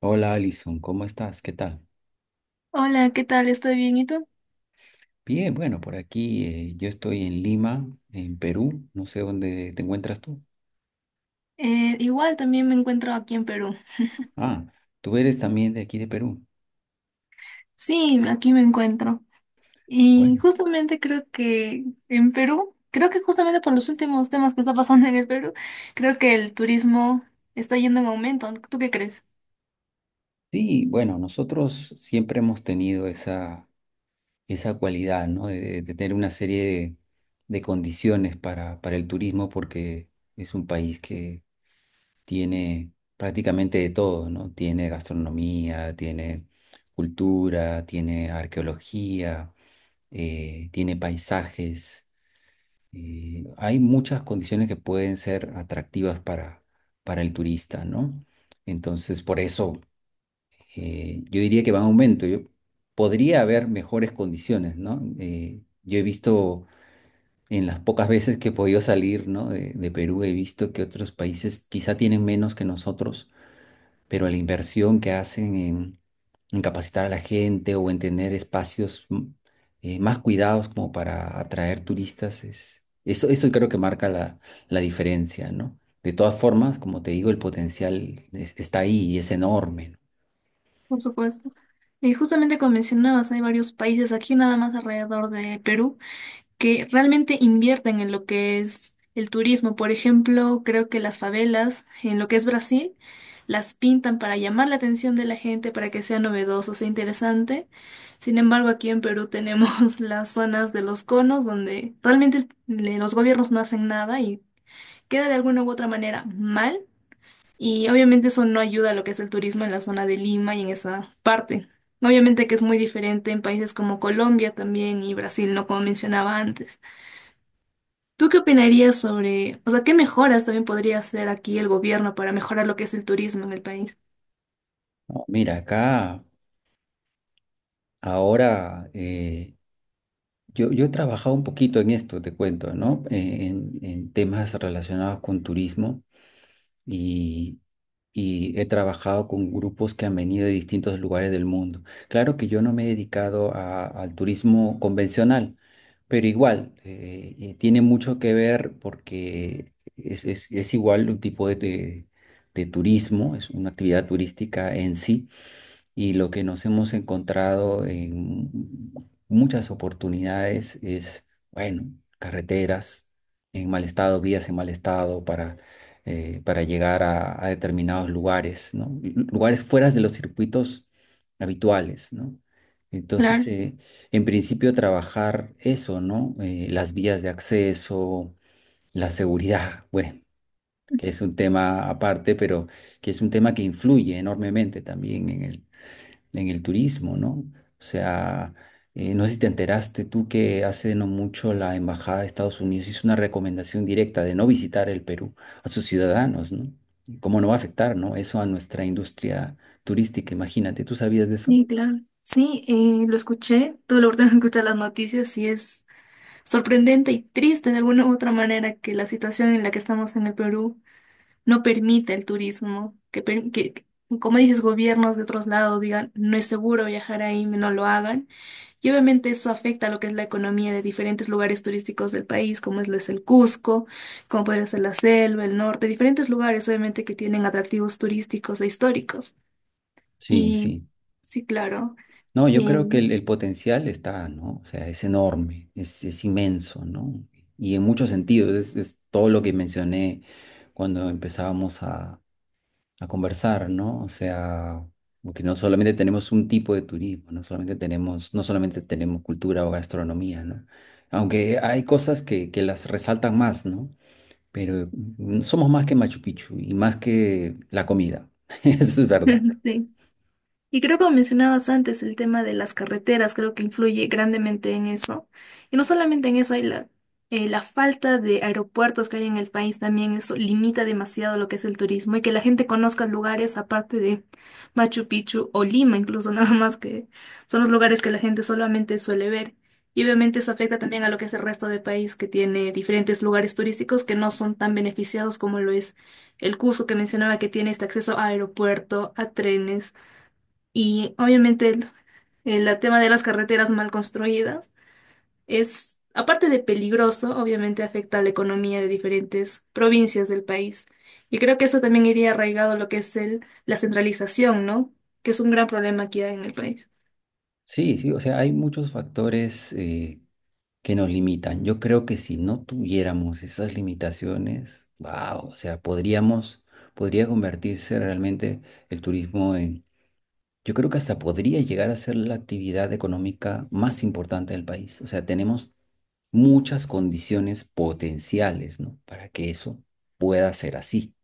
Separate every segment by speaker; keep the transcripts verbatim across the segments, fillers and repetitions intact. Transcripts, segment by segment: Speaker 1: Hola, Alison, ¿cómo estás? ¿Qué tal?
Speaker 2: Hola, ¿qué tal? ¿Estoy bien? ¿Y tú?
Speaker 1: Bien, bueno, por aquí eh, yo estoy en Lima, en Perú. No sé dónde te encuentras tú.
Speaker 2: Eh, igual también me encuentro aquí en Perú.
Speaker 1: Ah, tú eres también de aquí de Perú.
Speaker 2: Sí, aquí me encuentro. Y
Speaker 1: Bueno,
Speaker 2: justamente creo que en Perú, creo que justamente por los últimos temas que está pasando en el Perú, creo que el turismo está yendo en aumento. ¿Tú qué crees?
Speaker 1: sí, bueno, nosotros siempre hemos tenido esa, esa cualidad, ¿no? De, de- de tener una serie de, de condiciones para, para el turismo, porque es un país que tiene prácticamente de todo, ¿no? Tiene gastronomía, tiene cultura, tiene arqueología, eh, tiene paisajes. Eh, hay muchas condiciones que pueden ser atractivas para, para el turista, ¿no? Entonces, por eso, eh, yo diría que va en aumento. Yo, podría haber mejores condiciones, ¿no? Eh, yo he visto, en las pocas veces que he podido salir, ¿no?, de de Perú, he visto que otros países quizá tienen menos que nosotros, pero la inversión que hacen en, en capacitar a la gente o en tener espacios mm, eh, más cuidados como para atraer turistas, es, eso, eso creo que marca la, la diferencia, ¿no? De todas formas, como te digo, el potencial es- está ahí y es enorme, ¿no?
Speaker 2: Por supuesto. Y justamente como mencionabas, hay varios países aquí nada más alrededor de Perú que realmente invierten en lo que es el turismo. Por ejemplo, creo que las favelas en lo que es Brasil las pintan para llamar la atención de la gente, para que sea novedoso, sea interesante. Sin embargo, aquí en Perú tenemos las zonas de los conos donde realmente el- los gobiernos no hacen nada y queda de alguna u otra manera mal. Y obviamente eso no ayuda a lo que es el turismo en la zona de Lima y en esa parte. Obviamente que es muy diferente en países como Colombia también y Brasil, no como mencionaba antes. ¿Tú qué opinarías sobre, o sea, qué mejoras también podría hacer aquí el gobierno para mejorar lo que es el turismo en el país?
Speaker 1: No, mira, acá ahora, eh, yo, yo he trabajado un poquito en esto, te cuento, ¿no? Eh, En, en temas relacionados con turismo, y he trabajado con grupos que han venido de distintos lugares del mundo. Claro que yo no me he dedicado a- al turismo convencional, pero igual, eh, eh, tiene mucho que ver, porque es, es- es igual un tipo de, de de turismo, es una actividad turística en sí. Y lo que nos hemos encontrado en muchas oportunidades es, bueno, carreteras en mal estado, vías en mal estado para, eh, para llegar a, a determinados lugares, ¿no? Lu- Lugares fuera de los circuitos habituales, ¿no? Entonces,
Speaker 2: Claro,
Speaker 1: eh, en principio, trabajar eso, ¿no? Eh, las vías de acceso, la seguridad, bueno, que es un tema aparte, pero que es un tema que influye enormemente también en el turismo, ¿no? O sea, eh, no sé si te enteraste tú que hace no mucho la Embajada de Estados Unidos hizo una recomendación directa de no visitar el Perú a sus ciudadanos, ¿no? ¿Cómo no va a afectar ¿no? eso a nuestra industria turística? Imagínate. ¿Tú sabías de eso?
Speaker 2: sí, claro. Sí, eh, lo escuché, tuve la oportunidad de escuchar las noticias y es sorprendente y triste de alguna u otra manera que la situación en la que estamos en el Perú no permite el turismo, que, per- que como dices, gobiernos de otros lados digan, no es seguro viajar ahí, no lo hagan. Y obviamente eso afecta a lo que es la economía de diferentes lugares turísticos del país, como es, lo es el Cusco, como podría ser la selva, el norte, diferentes lugares obviamente que tienen atractivos turísticos e históricos.
Speaker 1: Sí,
Speaker 2: Y
Speaker 1: sí.
Speaker 2: sí, claro.
Speaker 1: No, yo creo que
Speaker 2: Y,
Speaker 1: el, el potencial está, ¿no? O sea, es enorme, es, es inmenso, ¿no? Y en muchos sentidos, es, es todo lo que mencioné cuando empezábamos a a conversar, ¿no? O sea, porque no solamente tenemos un tipo de turismo, no solamente tenemos, no solamente tenemos cultura o gastronomía, ¿no? Aunque hay cosas que, que las resaltan más, ¿no? Pero mm, somos más que Machu Picchu y más que la comida. Eso es verdad.
Speaker 2: sí. Y creo que mencionabas antes el tema de las carreteras, creo que influye grandemente en eso. Y no solamente en eso, hay la, eh, la falta de aeropuertos que hay en el país también, eso limita demasiado lo que es el turismo y que la gente conozca lugares aparte de Machu Picchu o Lima, incluso nada más que son los lugares que la gente solamente suele ver. Y obviamente eso afecta también a lo que es el resto del país, que tiene diferentes lugares turísticos que no son tan beneficiados como lo es el Cusco, que mencionaba que tiene este acceso a aeropuerto, a trenes y obviamente el, el tema de las carreteras mal construidas es, aparte de peligroso, obviamente afecta a la economía de diferentes provincias del país. Y creo que eso también iría arraigado a lo que es el, la centralización, ¿no? Que es un gran problema aquí en el país.
Speaker 1: Sí, sí, o sea, hay muchos factores eh, que nos limitan. Yo creo que si no tuviéramos esas limitaciones, wow, o sea, podríamos, podría convertirse realmente el turismo... Yo creo que hasta podría llegar a ser la actividad económica más importante del país. O sea, tenemos muchas condiciones potenciales, ¿no?, para que eso pueda ser así,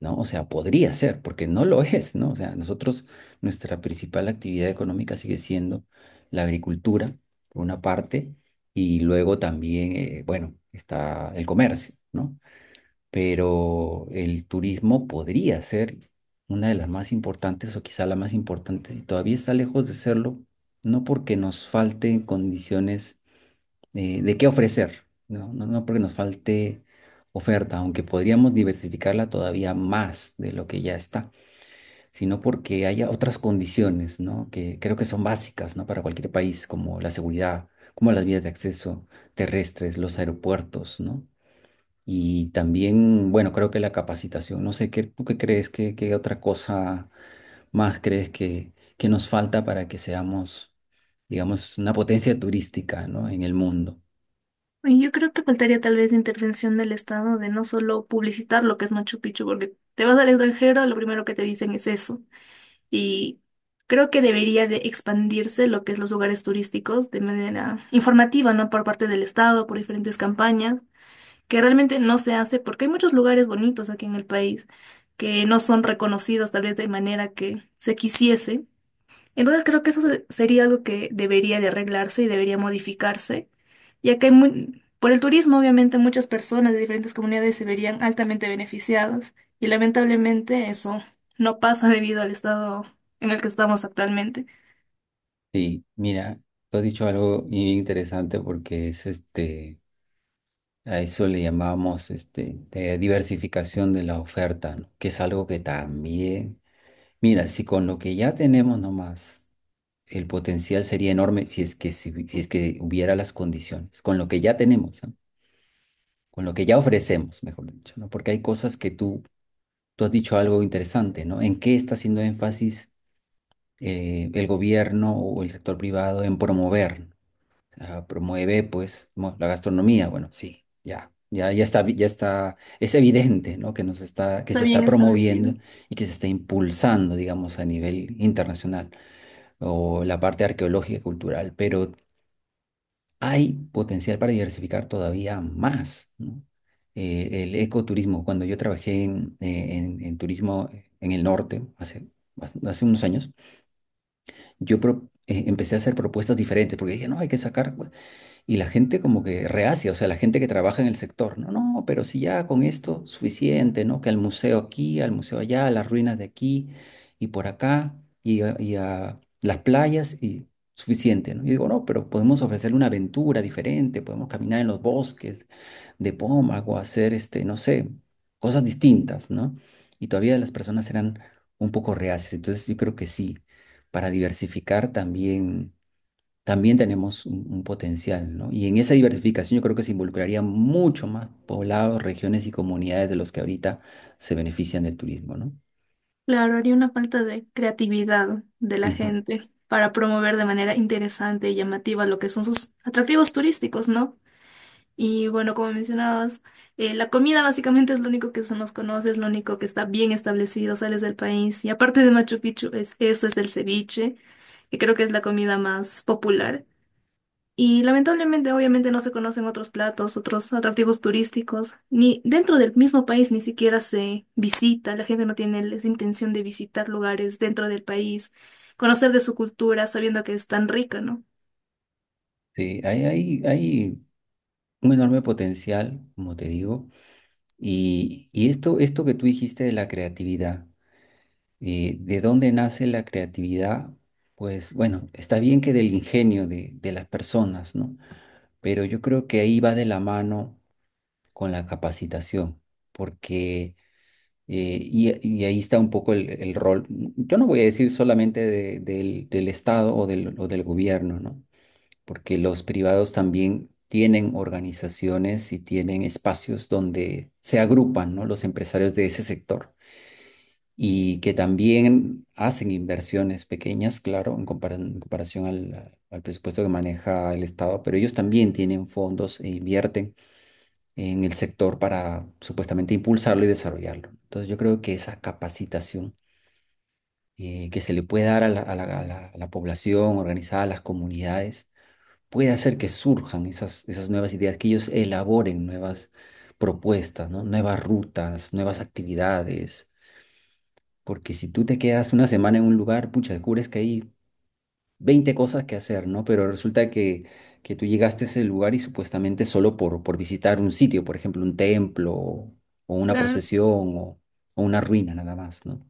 Speaker 1: ¿no? O sea, podría ser, porque no lo es, ¿no? O sea, nosotros, nuestra principal actividad económica sigue siendo la agricultura, por una parte, y luego también, eh, bueno, está el comercio, ¿no? Pero el turismo podría ser una de las más importantes, o quizá la más importante, y todavía está lejos de serlo, no porque nos falte condiciones, eh, de qué ofrecer, ¿no? No, no porque nos falte oferta, aunque podríamos diversificarla todavía más de lo que ya está, sino porque haya otras condiciones, ¿no?, que creo que son básicas, ¿no?, para cualquier país, como la seguridad, como las vías de acceso terrestres, los aeropuertos, ¿no? Y también, bueno, creo que la capacitación, no sé, ¿qué, tú qué crees? ¿Qué, qué otra cosa más crees que, que nos falta para que seamos, digamos, una potencia turística, ¿no?, en el mundo?
Speaker 2: Y yo creo que faltaría tal vez intervención del Estado de no solo publicitar lo que es Machu Picchu, porque te vas al extranjero, lo primero que te dicen es eso. Y creo que debería de expandirse lo que es los lugares turísticos de manera informativa, ¿no? Por parte del Estado, por diferentes campañas, que realmente no se hace porque hay muchos lugares bonitos aquí en el país que no son reconocidos tal vez de manera que se quisiese. Entonces creo que eso se- sería algo que debería de arreglarse y debería modificarse, ya que hay muy- por el turismo obviamente muchas personas de diferentes comunidades se verían altamente beneficiadas y lamentablemente eso no pasa debido al estado en el que estamos actualmente.
Speaker 1: Sí, mira, tú has dicho algo bien interesante, porque es este, a eso le llamamos este, eh, diversificación de la oferta, ¿no? Que es algo que también... Mira, si con lo que ya tenemos nomás, el potencial sería enorme si es que, si, si es que hubiera las condiciones, con lo que ya tenemos, ¿no? Con lo que ya ofrecemos, mejor dicho, ¿no? Porque hay cosas que tú, tú has dicho algo interesante, ¿no? ¿En qué está haciendo énfasis, eh, el gobierno o el sector privado, en promover? Ah, promueve, pues, mo- la gastronomía, bueno, sí, ya. Ya, ya está, vi- ya está, es evidente, ¿no? Que nos está, que se
Speaker 2: Está bien
Speaker 1: está
Speaker 2: establecido.
Speaker 1: promoviendo y que se está impulsando, digamos, a nivel internacional, o la parte arqueológica y cultural, pero hay potencial para diversificar todavía más, ¿no? Eh, el ecoturismo, cuando yo trabajé en, eh, en- en turismo en el norte hace, bas- hace unos años, yo pro- eh, empecé a hacer propuestas diferentes, porque dije, no, hay que sacar. Y la gente como que reacia, o sea, la gente que trabaja en el sector, no, no, pero si ya con esto suficiente, ¿no? Que al museo aquí, al museo allá, a las ruinas de aquí y por acá y a, y a las playas y suficiente, ¿no? Y digo, no, pero podemos ofrecerle una aventura diferente, podemos caminar en los bosques de Pómago, hacer, este, no sé, cosas distintas, ¿no? Y todavía las personas eran un poco reacias, entonces yo creo que sí, para diversificar también también tenemos un, un potencial, ¿no? Y en esa diversificación yo creo que se involucraría mucho más poblados, regiones y comunidades de los que ahorita se benefician del turismo, ¿no?
Speaker 2: Claro, haría una falta de creatividad de la
Speaker 1: Ujú.
Speaker 2: gente para promover de manera interesante y llamativa lo que son sus atractivos turísticos, ¿no? Y bueno, como mencionabas, eh, la comida básicamente es lo único que se nos conoce, es lo único que está bien establecido, sales del país. Y aparte de Machu Picchu, es, eso es el ceviche, que creo que es la comida más popular. Y lamentablemente, obviamente, no se conocen otros platos, otros atractivos turísticos, ni dentro del mismo país ni siquiera se visita, la gente no tiene esa intención de visitar lugares dentro del país, conocer de su cultura, sabiendo que es tan rica, ¿no?
Speaker 1: Sí, hay, hay, hay un enorme potencial, como te digo, y, y esto, esto que tú dijiste de la creatividad, eh, ¿de dónde nace la creatividad? Pues bueno, está bien que del ingenio de, de las personas, ¿no? Pero yo creo que ahí va de la mano con la capacitación, porque... Eh, y, y ahí está un poco el, el rol. Yo no voy a decir solamente de- del, del Estado o del, o del gobierno, ¿no? Porque los privados también tienen organizaciones y tienen espacios donde se agrupan, ¿no? Los empresarios de ese sector, y que también hacen inversiones pequeñas, claro, en compara- en comparación al, al presupuesto que maneja el Estado, pero ellos también tienen fondos e invierten en el sector para supuestamente impulsarlo y desarrollarlo. Entonces yo creo que esa capacitación, eh, que se le puede dar a la, a la- a la- a la población organizada, a las comunidades, puede hacer que surjan esas, esas nuevas ideas, que ellos elaboren nuevas propuestas, ¿no? Nuevas rutas, nuevas actividades. Porque si tú te quedas una semana en un lugar, pucha, descubres que hay veinte cosas que hacer, ¿no? Pero resulta que, que tú llegaste a ese lugar y supuestamente solo por, por visitar un sitio, por ejemplo, un templo o, o una
Speaker 2: Claro.
Speaker 1: procesión o, o una ruina nada más, ¿no?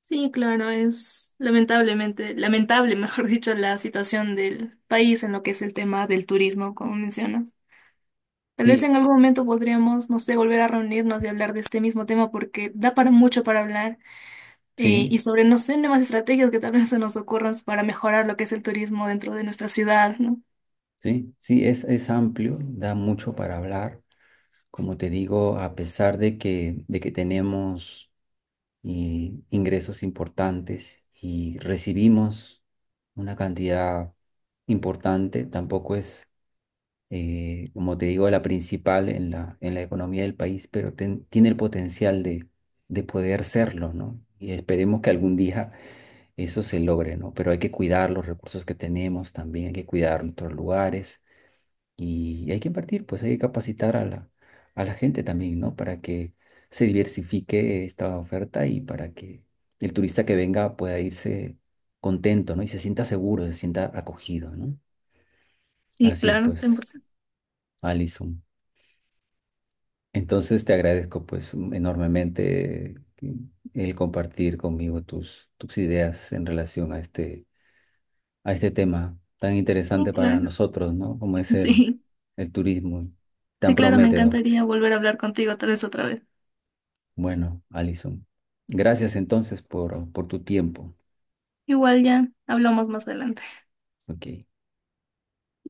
Speaker 2: Sí, claro, es lamentablemente, lamentable, mejor dicho, la situación del país en lo que es el tema del turismo, como mencionas. Tal vez
Speaker 1: Sí,
Speaker 2: en algún momento podríamos, no sé, volver a reunirnos y hablar de este mismo tema porque da para mucho para hablar, eh,
Speaker 1: sí,
Speaker 2: y sobre, no sé, nuevas estrategias que tal vez se nos ocurran para mejorar lo que es el turismo dentro de nuestra ciudad, ¿no?
Speaker 1: sí, sí, es, es amplio, da mucho para hablar. Como te digo, a pesar de que, de que tenemos eh, ingresos importantes y recibimos una cantidad importante, tampoco es, eh, como te digo, la principal en la, en la economía del país, pero ten- tiene el potencial de, de poder serlo, ¿no? Y esperemos que algún día eso se logre, ¿no? Pero hay que cuidar los recursos que tenemos, también hay que cuidar nuestros lugares y hay que invertir, pues hay que capacitar a la, a la gente también, ¿no? Para que se diversifique esta oferta y para que el turista que venga pueda irse contento, ¿no? Y se sienta seguro, se sienta acogido, ¿no?
Speaker 2: Sí,
Speaker 1: Así es,
Speaker 2: claro,
Speaker 1: pues,
Speaker 2: cien por ciento.
Speaker 1: Alison. Entonces te agradezco, pues, mm, enormemente que- el compartir conmigo tus, tus ideas en relación a este, a este tema tan
Speaker 2: Sí,
Speaker 1: interesante para
Speaker 2: claro,
Speaker 1: nosotros, ¿no? Como es el,
Speaker 2: sí.
Speaker 1: el turismo, tan
Speaker 2: Sí, claro, me
Speaker 1: prometedor.
Speaker 2: encantaría volver a hablar contigo tal vez otra vez.
Speaker 1: Bueno, Alison, gracias entonces por, por tu tiempo.
Speaker 2: Igual ya hablamos más adelante.
Speaker 1: Ok.